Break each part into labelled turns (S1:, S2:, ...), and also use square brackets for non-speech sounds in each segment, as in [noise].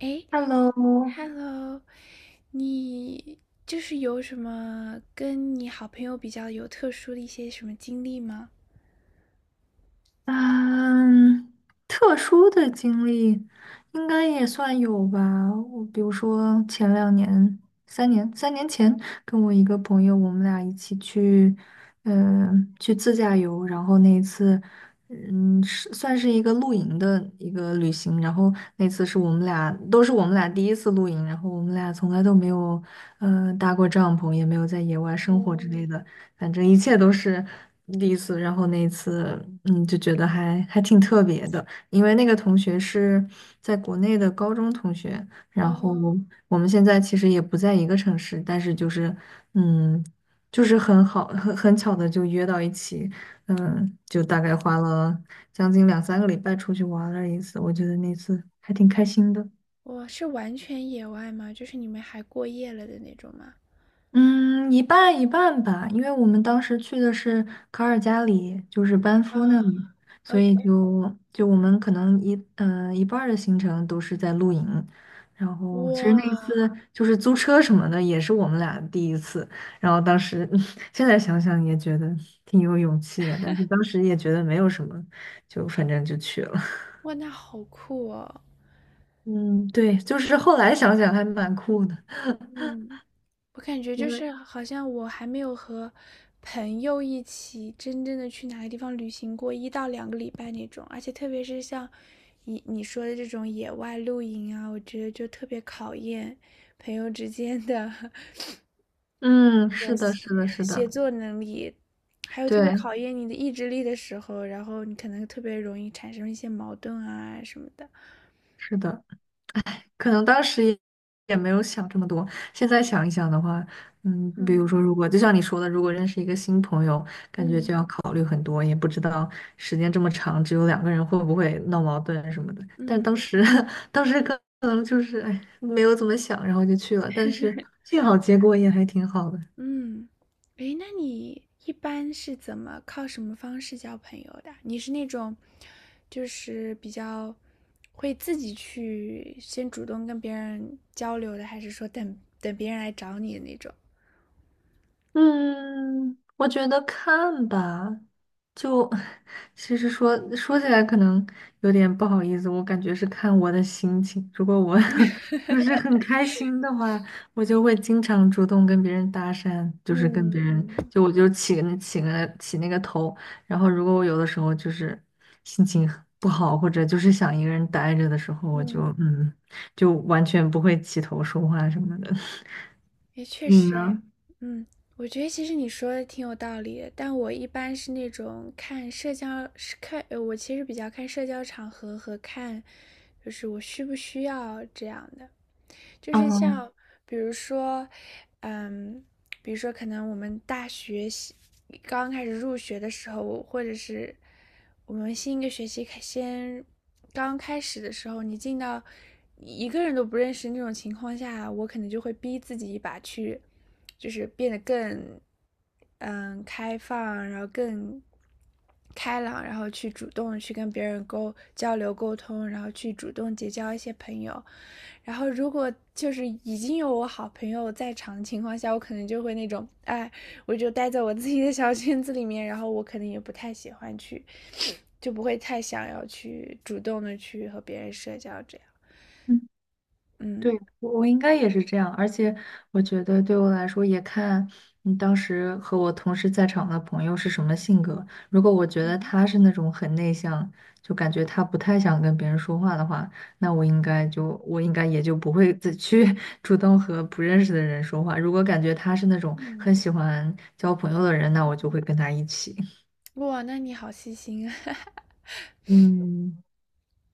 S1: 哎
S2: Hello，
S1: ，Hello，你就是有什么跟你好朋友比较有特殊的一些什么经历吗？
S2: 嗯，特殊的经历应该也算有吧。我比如说前两年、三年、三年前，跟我一个朋友，我们俩一起去，去自驾游。然后那一次，是算是一个露营的一个旅行。然后那次是我们俩第一次露营，然后我们俩从来都没有，搭过帐篷，也没有在野外生活之类的。反正一切都是第一次。然后那一次，就觉得还挺特别的，因为那个同学是在国内的高中同学，然后我们现在其实也不在一个城市，但是嗯，就是很好，很巧的就约到一起，就大概花了将近两三个礼拜出去玩了一次，我觉得那次还挺开心的。
S1: 我是完全野外吗？就是你们还过夜了的那种吗？
S2: 嗯，一半一半吧，因为我们当时去的是卡尔加里，就是班
S1: 啊
S2: 夫那里，所
S1: ，OK，
S2: 以就我们可能一半儿的行程都是在露营，然后其实那一次
S1: 哇，
S2: 就是租车什么的也是我们俩第一次，然后当时 [laughs] 现在想想也觉得挺有勇气的，但是当时也觉得没有什么，就反正就去了。
S1: 哇，那好酷哦！
S2: 嗯，对，就是后来想想还蛮酷的，
S1: 嗯，我感觉就
S2: 因为
S1: 是好像我还没有和朋友一起真正的去哪个地方旅行过一到两个礼拜那种，而且特别是像你说的这种野外露营啊，我觉得就特别考验朋友之间的 [laughs]
S2: 嗯，
S1: 这
S2: 是
S1: 种
S2: 的，
S1: 协
S2: 是的，是
S1: 协
S2: 的，
S1: 作能力，还有特别
S2: 对，
S1: 考验你的意志力的时候，然后你可能特别容易产生一些矛盾啊什么的。
S2: 是的。可能当时也没有想这么多，现在想一想的话，嗯，比如说，
S1: 嗯
S2: 如果就像你说的，如果认识一个新朋友，感
S1: 嗯
S2: 觉
S1: 嗯。
S2: 就要考虑很多，也不知道时间这么长，只有两个人会不会闹矛盾什么的。但
S1: 嗯。
S2: 当时，[laughs] 当时可能就是哎，没有怎么想，然后就去了，但是幸好结果也还挺好的。
S1: 嗯，诶，那你一般是怎么靠什么方式交朋友的？你是那种，就是比较会自己去先主动跟别人交流的，还是说等等别人来找你的那种？
S2: 嗯，我觉得看吧，就 [laughs] 其实说起来可能有点不好意思，我感觉是看我的心情。如果我 [laughs] 就是很开心的话，我就会经常主动跟别人搭讪，就是跟
S1: 嗯
S2: 别人
S1: 嗯
S2: 就我就起那个头。然后如果我有的时候就是心情很不好，或者就是想一个人待着的时候，我就
S1: 嗯。
S2: 嗯，就完全不会起头说话什么的。
S1: 也
S2: [laughs]
S1: 确
S2: 你
S1: 实诶，
S2: 呢？
S1: 嗯，我觉得其实你说的挺有道理的，但我一般是那种看社交，是看，我其实比较看社交场合和看，就是我需不需要这样的，就是
S2: 哦。
S1: 像比如说，嗯，比如说可能我们大学喜刚开始入学的时候，或者是我们新一个学期开先刚开始的时候，你进到一个人都不认识那种情况下，我可能就会逼自己一把去，就是变得更开放，然后更开朗，然后去主动去跟别人交流沟通，然后去主动结交一些朋友。然后如果就是已经有我好朋友在场的情况下，我可能就会那种，哎，我就待在我自己的小圈子里面，然后我可能也不太喜欢去，就不会太想要去主动的去和别人社交这样。
S2: 对，
S1: 嗯
S2: 我应该也是这样，而且我觉得对我来说也看你当时和我同时在场的朋友是什么性格。如果我觉得
S1: 嗯
S2: 他是那种很内向，就感觉他不太想跟别人说话的话，那我应该也就不会再去 [laughs] 主动和不认识的人说话。如果感觉他是那种很
S1: 嗯，
S2: 喜欢交朋友的人，那我就会跟他一起。
S1: 哇，那你好细心啊。[laughs]
S2: 嗯。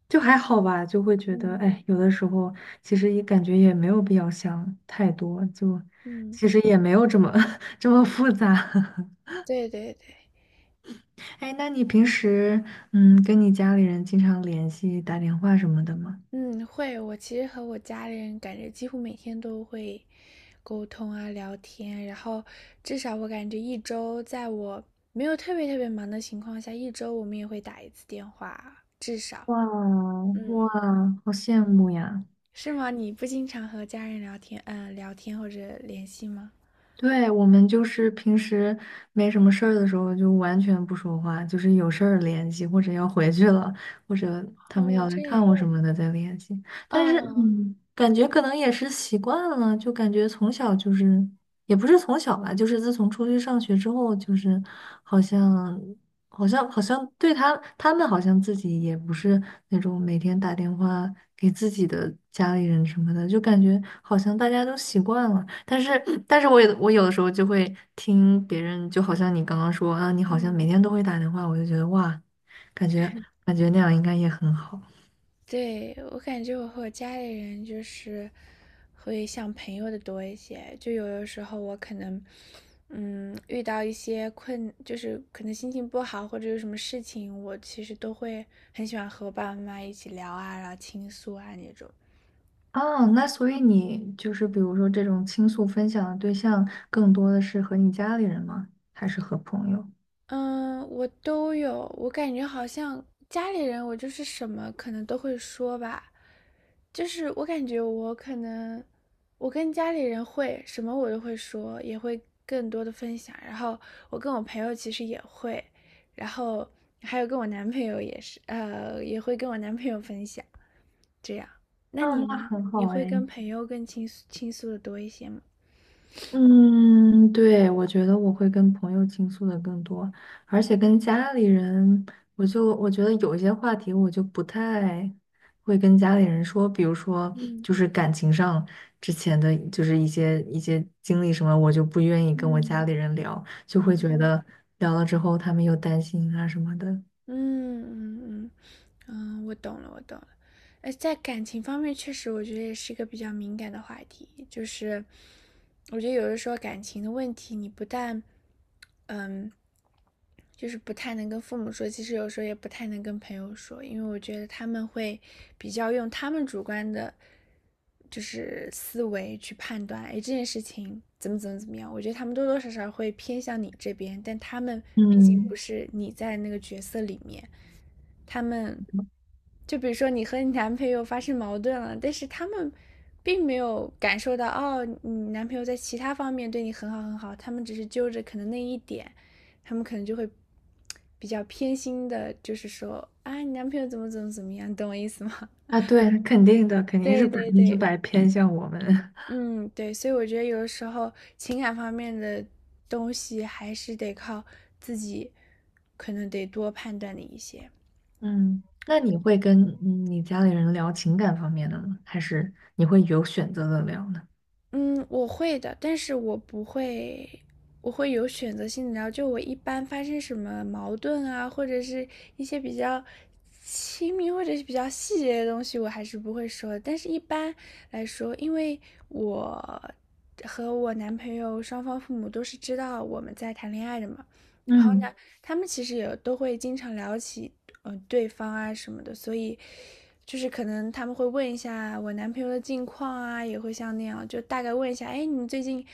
S2: 就还好吧，就会觉得，
S1: 嗯
S2: 哎，有的时候其实也感觉也没有必要想太多，就
S1: 嗯，
S2: 其实也没有[laughs] 这么复杂。[laughs]
S1: 对对对，
S2: 哎，那你平时跟你家里人经常联系、打电话什么的吗？
S1: 嗯，会。我其实和我家里人感觉几乎每天都会沟通啊、聊天啊，然后至少我感觉一周，在我没有特别特别忙的情况下，一周我们也会打一次电话，至少。
S2: 哇
S1: 嗯，嗯
S2: 哇，好羡慕呀！
S1: 是吗？你不经常和家人聊天，聊天或者联系吗？
S2: 对，我们就是平时没什么事儿的时候，就完全不说话，就是有事儿联系，或者要回去了，或者他们
S1: 哦，
S2: 要来
S1: 这
S2: 看
S1: 样。
S2: 我什么的再联系。但是，
S1: 啊，
S2: 嗯，感觉可能也是习惯了，就感觉从小就是，也不是从小吧，就是自从出去上学之后，就是好像。好像对他们好像自己也不是那种每天打电话给自己的家里人什么的，就感觉好像大家都习惯了。但是我有的时候就会听别人，就好像你刚刚说啊，你好像
S1: 嗯。
S2: 每天都会打电话，我就觉得哇，感觉那样应该也很好
S1: 对，我感觉我和我家里人就是会像朋友的多一些，就有的时候我可能，嗯，遇到一些困，就是可能心情不好或者有什么事情，我其实都会很喜欢和我爸爸妈妈一起聊啊，然后倾诉啊那种。
S2: 啊。那所以你就是比如说这种倾诉分享的对象，更多的是和你家里人吗？还是和朋友？
S1: 嗯，我都有，我感觉好像家里人，我就是什么可能都会说吧，就是我感觉我可能，我跟家里人会什么我都会说，也会更多的分享。然后我跟我朋友其实也会，然后还有跟我男朋友也是，也会跟我男朋友分享。这样，那
S2: 啊，
S1: 你
S2: 那
S1: 呢？
S2: 很
S1: 你
S2: 好
S1: 会
S2: 哎。
S1: 跟朋友更倾诉的多一些吗？
S2: 嗯，对，我觉得我会跟朋友倾诉的更多，而且跟家里人，我觉得有一些话题我就不太会跟家里人说，比如说
S1: 嗯
S2: 就是感情上之前的就是一些经历什么，我就不愿意跟我家
S1: 嗯
S2: 里人聊，就
S1: 然
S2: 会觉
S1: 后
S2: 得聊了之后他们又担心啊什么的。
S1: 嗯嗯嗯嗯，我懂了，我懂了。呃，在感情方面，确实我觉得也是一个比较敏感的话题。就是我觉得有的时候感情的问题，你不但，嗯，就是不太能跟父母说，其实有时候也不太能跟朋友说，因为我觉得他们会比较用他们主观的，就是思维去判断，哎，这件事情怎么怎么怎么样。我觉得他们多多少少会偏向你这边，但他们毕竟不
S2: 嗯，
S1: 是你在那个角色里面，他们就比如说你和你男朋友发生矛盾了，但是他们并没有感受到哦，你男朋友在其他方面对你很好很好，他们只是揪着可能那一点，他们可能就会比较偏心的，就是说啊，你男朋友怎么怎么怎么样，懂我意思吗？
S2: 啊，对，肯定的，肯
S1: [laughs]
S2: 定是
S1: 对
S2: 百
S1: 对
S2: 分之
S1: 对，
S2: 百偏向我们。
S1: 嗯，对，所以我觉得有的时候情感方面的东西还是得靠自己，可能得多判断的一些。
S2: 嗯，那你会跟你家里人聊情感方面的吗？还是你会有选择的聊呢？
S1: 嗯，我会的，但是我不会，我会有选择性的聊。就我一般发生什么矛盾啊，或者是一些比较亲密或者是比较细节的东西，我还是不会说的。但是一般来说，因为我和我男朋友双方父母都是知道我们在谈恋爱的嘛，然后呢，
S2: 嗯，
S1: 他们其实也都会经常聊起对方啊什么的，所以就是可能他们会问一下我男朋友的近况啊，也会像那样，就大概问一下，哎，你们最近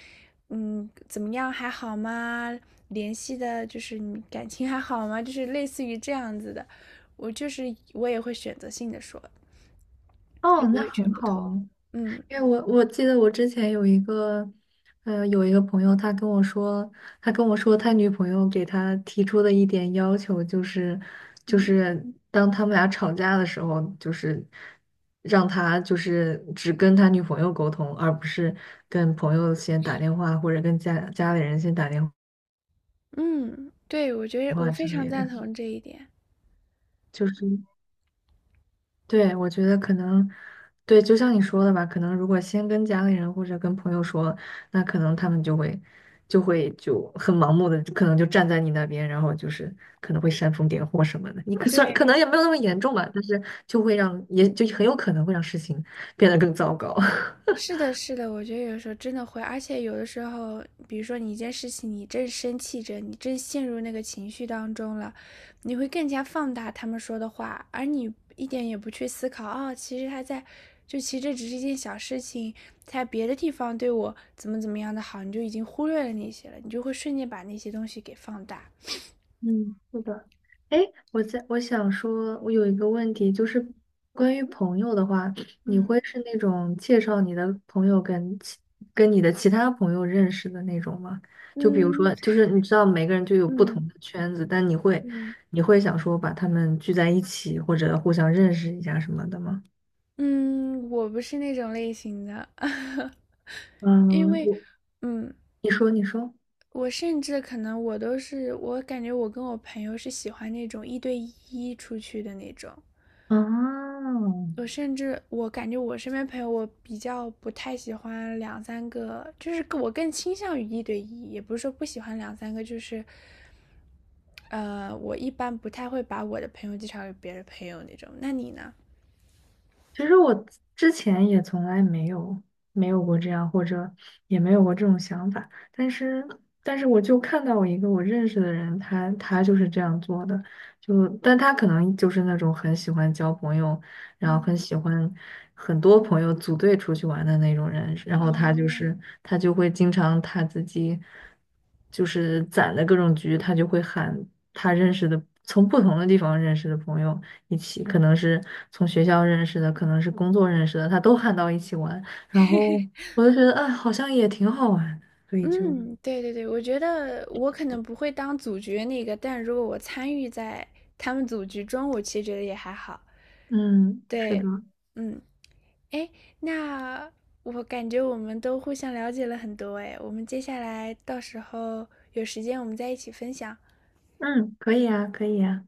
S1: 怎么样，还好吗？联系的就是你感情还好吗？就是类似于这样子的，我就是我也会选择性的说，也
S2: 哦，
S1: 不
S2: 那
S1: 会全
S2: 很
S1: 部
S2: 好
S1: 透露。
S2: 啊
S1: 嗯
S2: 因为我记得我之前有一个，呃，有一个朋友，他跟我说，他跟我说他女朋友给他提出的一点要求就是，就
S1: 嗯
S2: 是当他们俩吵架的时候，就是让他就是只跟他女朋友沟通，而不是跟朋友先打电话或者跟家里人先打电
S1: 嗯，对，我觉得我
S2: 话
S1: 非
S2: 之
S1: 常
S2: 类
S1: 赞
S2: 的。
S1: 同这一点。
S2: 就是对，我觉得可能对，就像你说的吧，可能如果先跟家里人或者跟朋友说，那可能他们就会就很盲目的，可能就站在你那边，然后就是可能会煽风点火什么的。你可算可
S1: 对，
S2: 能也没有那么严重吧，但是就会让也就很有可能会让事情变得更糟糕。[laughs]
S1: 是的，是的，我觉得有时候真的会，而且有的时候，比如说你一件事情，你正生气着，你正陷入那个情绪当中了，你会更加放大他们说的话，而你一点也不去思考，哦，其实他在，就其实这只是一件小事情，在别的地方对我怎么怎么样的好，你就已经忽略了那些了，你就会瞬间把那些东西给放大。
S2: 嗯，是的。哎，我想说，我有一个问题，就是关于朋友的话，你
S1: 嗯
S2: 会是那种介绍你的朋友跟你的其他朋友认识的那种吗？就比如
S1: 嗯
S2: 说，就是你知道每个人就有不同
S1: 嗯
S2: 的圈子，但
S1: 嗯
S2: 你会想说把他们聚在一起，或者互相认识一下什么的吗？
S1: 嗯，我不是那种类型的，[laughs] 因
S2: 嗯，
S1: 为，
S2: 我
S1: 嗯。
S2: 你说你说。
S1: 我甚至可能我都是，我感觉我跟我朋友是喜欢那种一对一出去的那种。
S2: 哦，
S1: 我甚至我感觉我身边朋友，我比较不太喜欢两三个，就是我更倾向于一对一，也不是说不喜欢两三个，就是，呃，我一般不太会把我的朋友介绍给别的朋友那种。那你呢？
S2: 其实我之前也从来没有没有过这样，或者也没有过这种想法。但是，但是我就看到一个我认识的人，他就是这样做的。就，但他可能就是那种很喜欢交朋友，然后
S1: 嗯。
S2: 很喜欢很多朋友组队出去玩的那种人。然后
S1: 哦，
S2: 他就会经常他自己就是攒的各种局，他就会喊他认识的从不同的地方认识的朋友。一起，可能是从学校认识的，可能是工作认识的，他都喊到一起玩，然后我就觉得，哎，好像也挺好玩的所以就，
S1: 嗯，对对对，我觉得我可能不会当组局那个，但如果我参与在他们组局中，我其实觉得也还好。
S2: 嗯，是的，
S1: 对，嗯，哎，那我感觉我们都互相了解了很多，哎，我们接下来到时候有时间我们再一起分享。
S2: 嗯，可以啊，可以啊。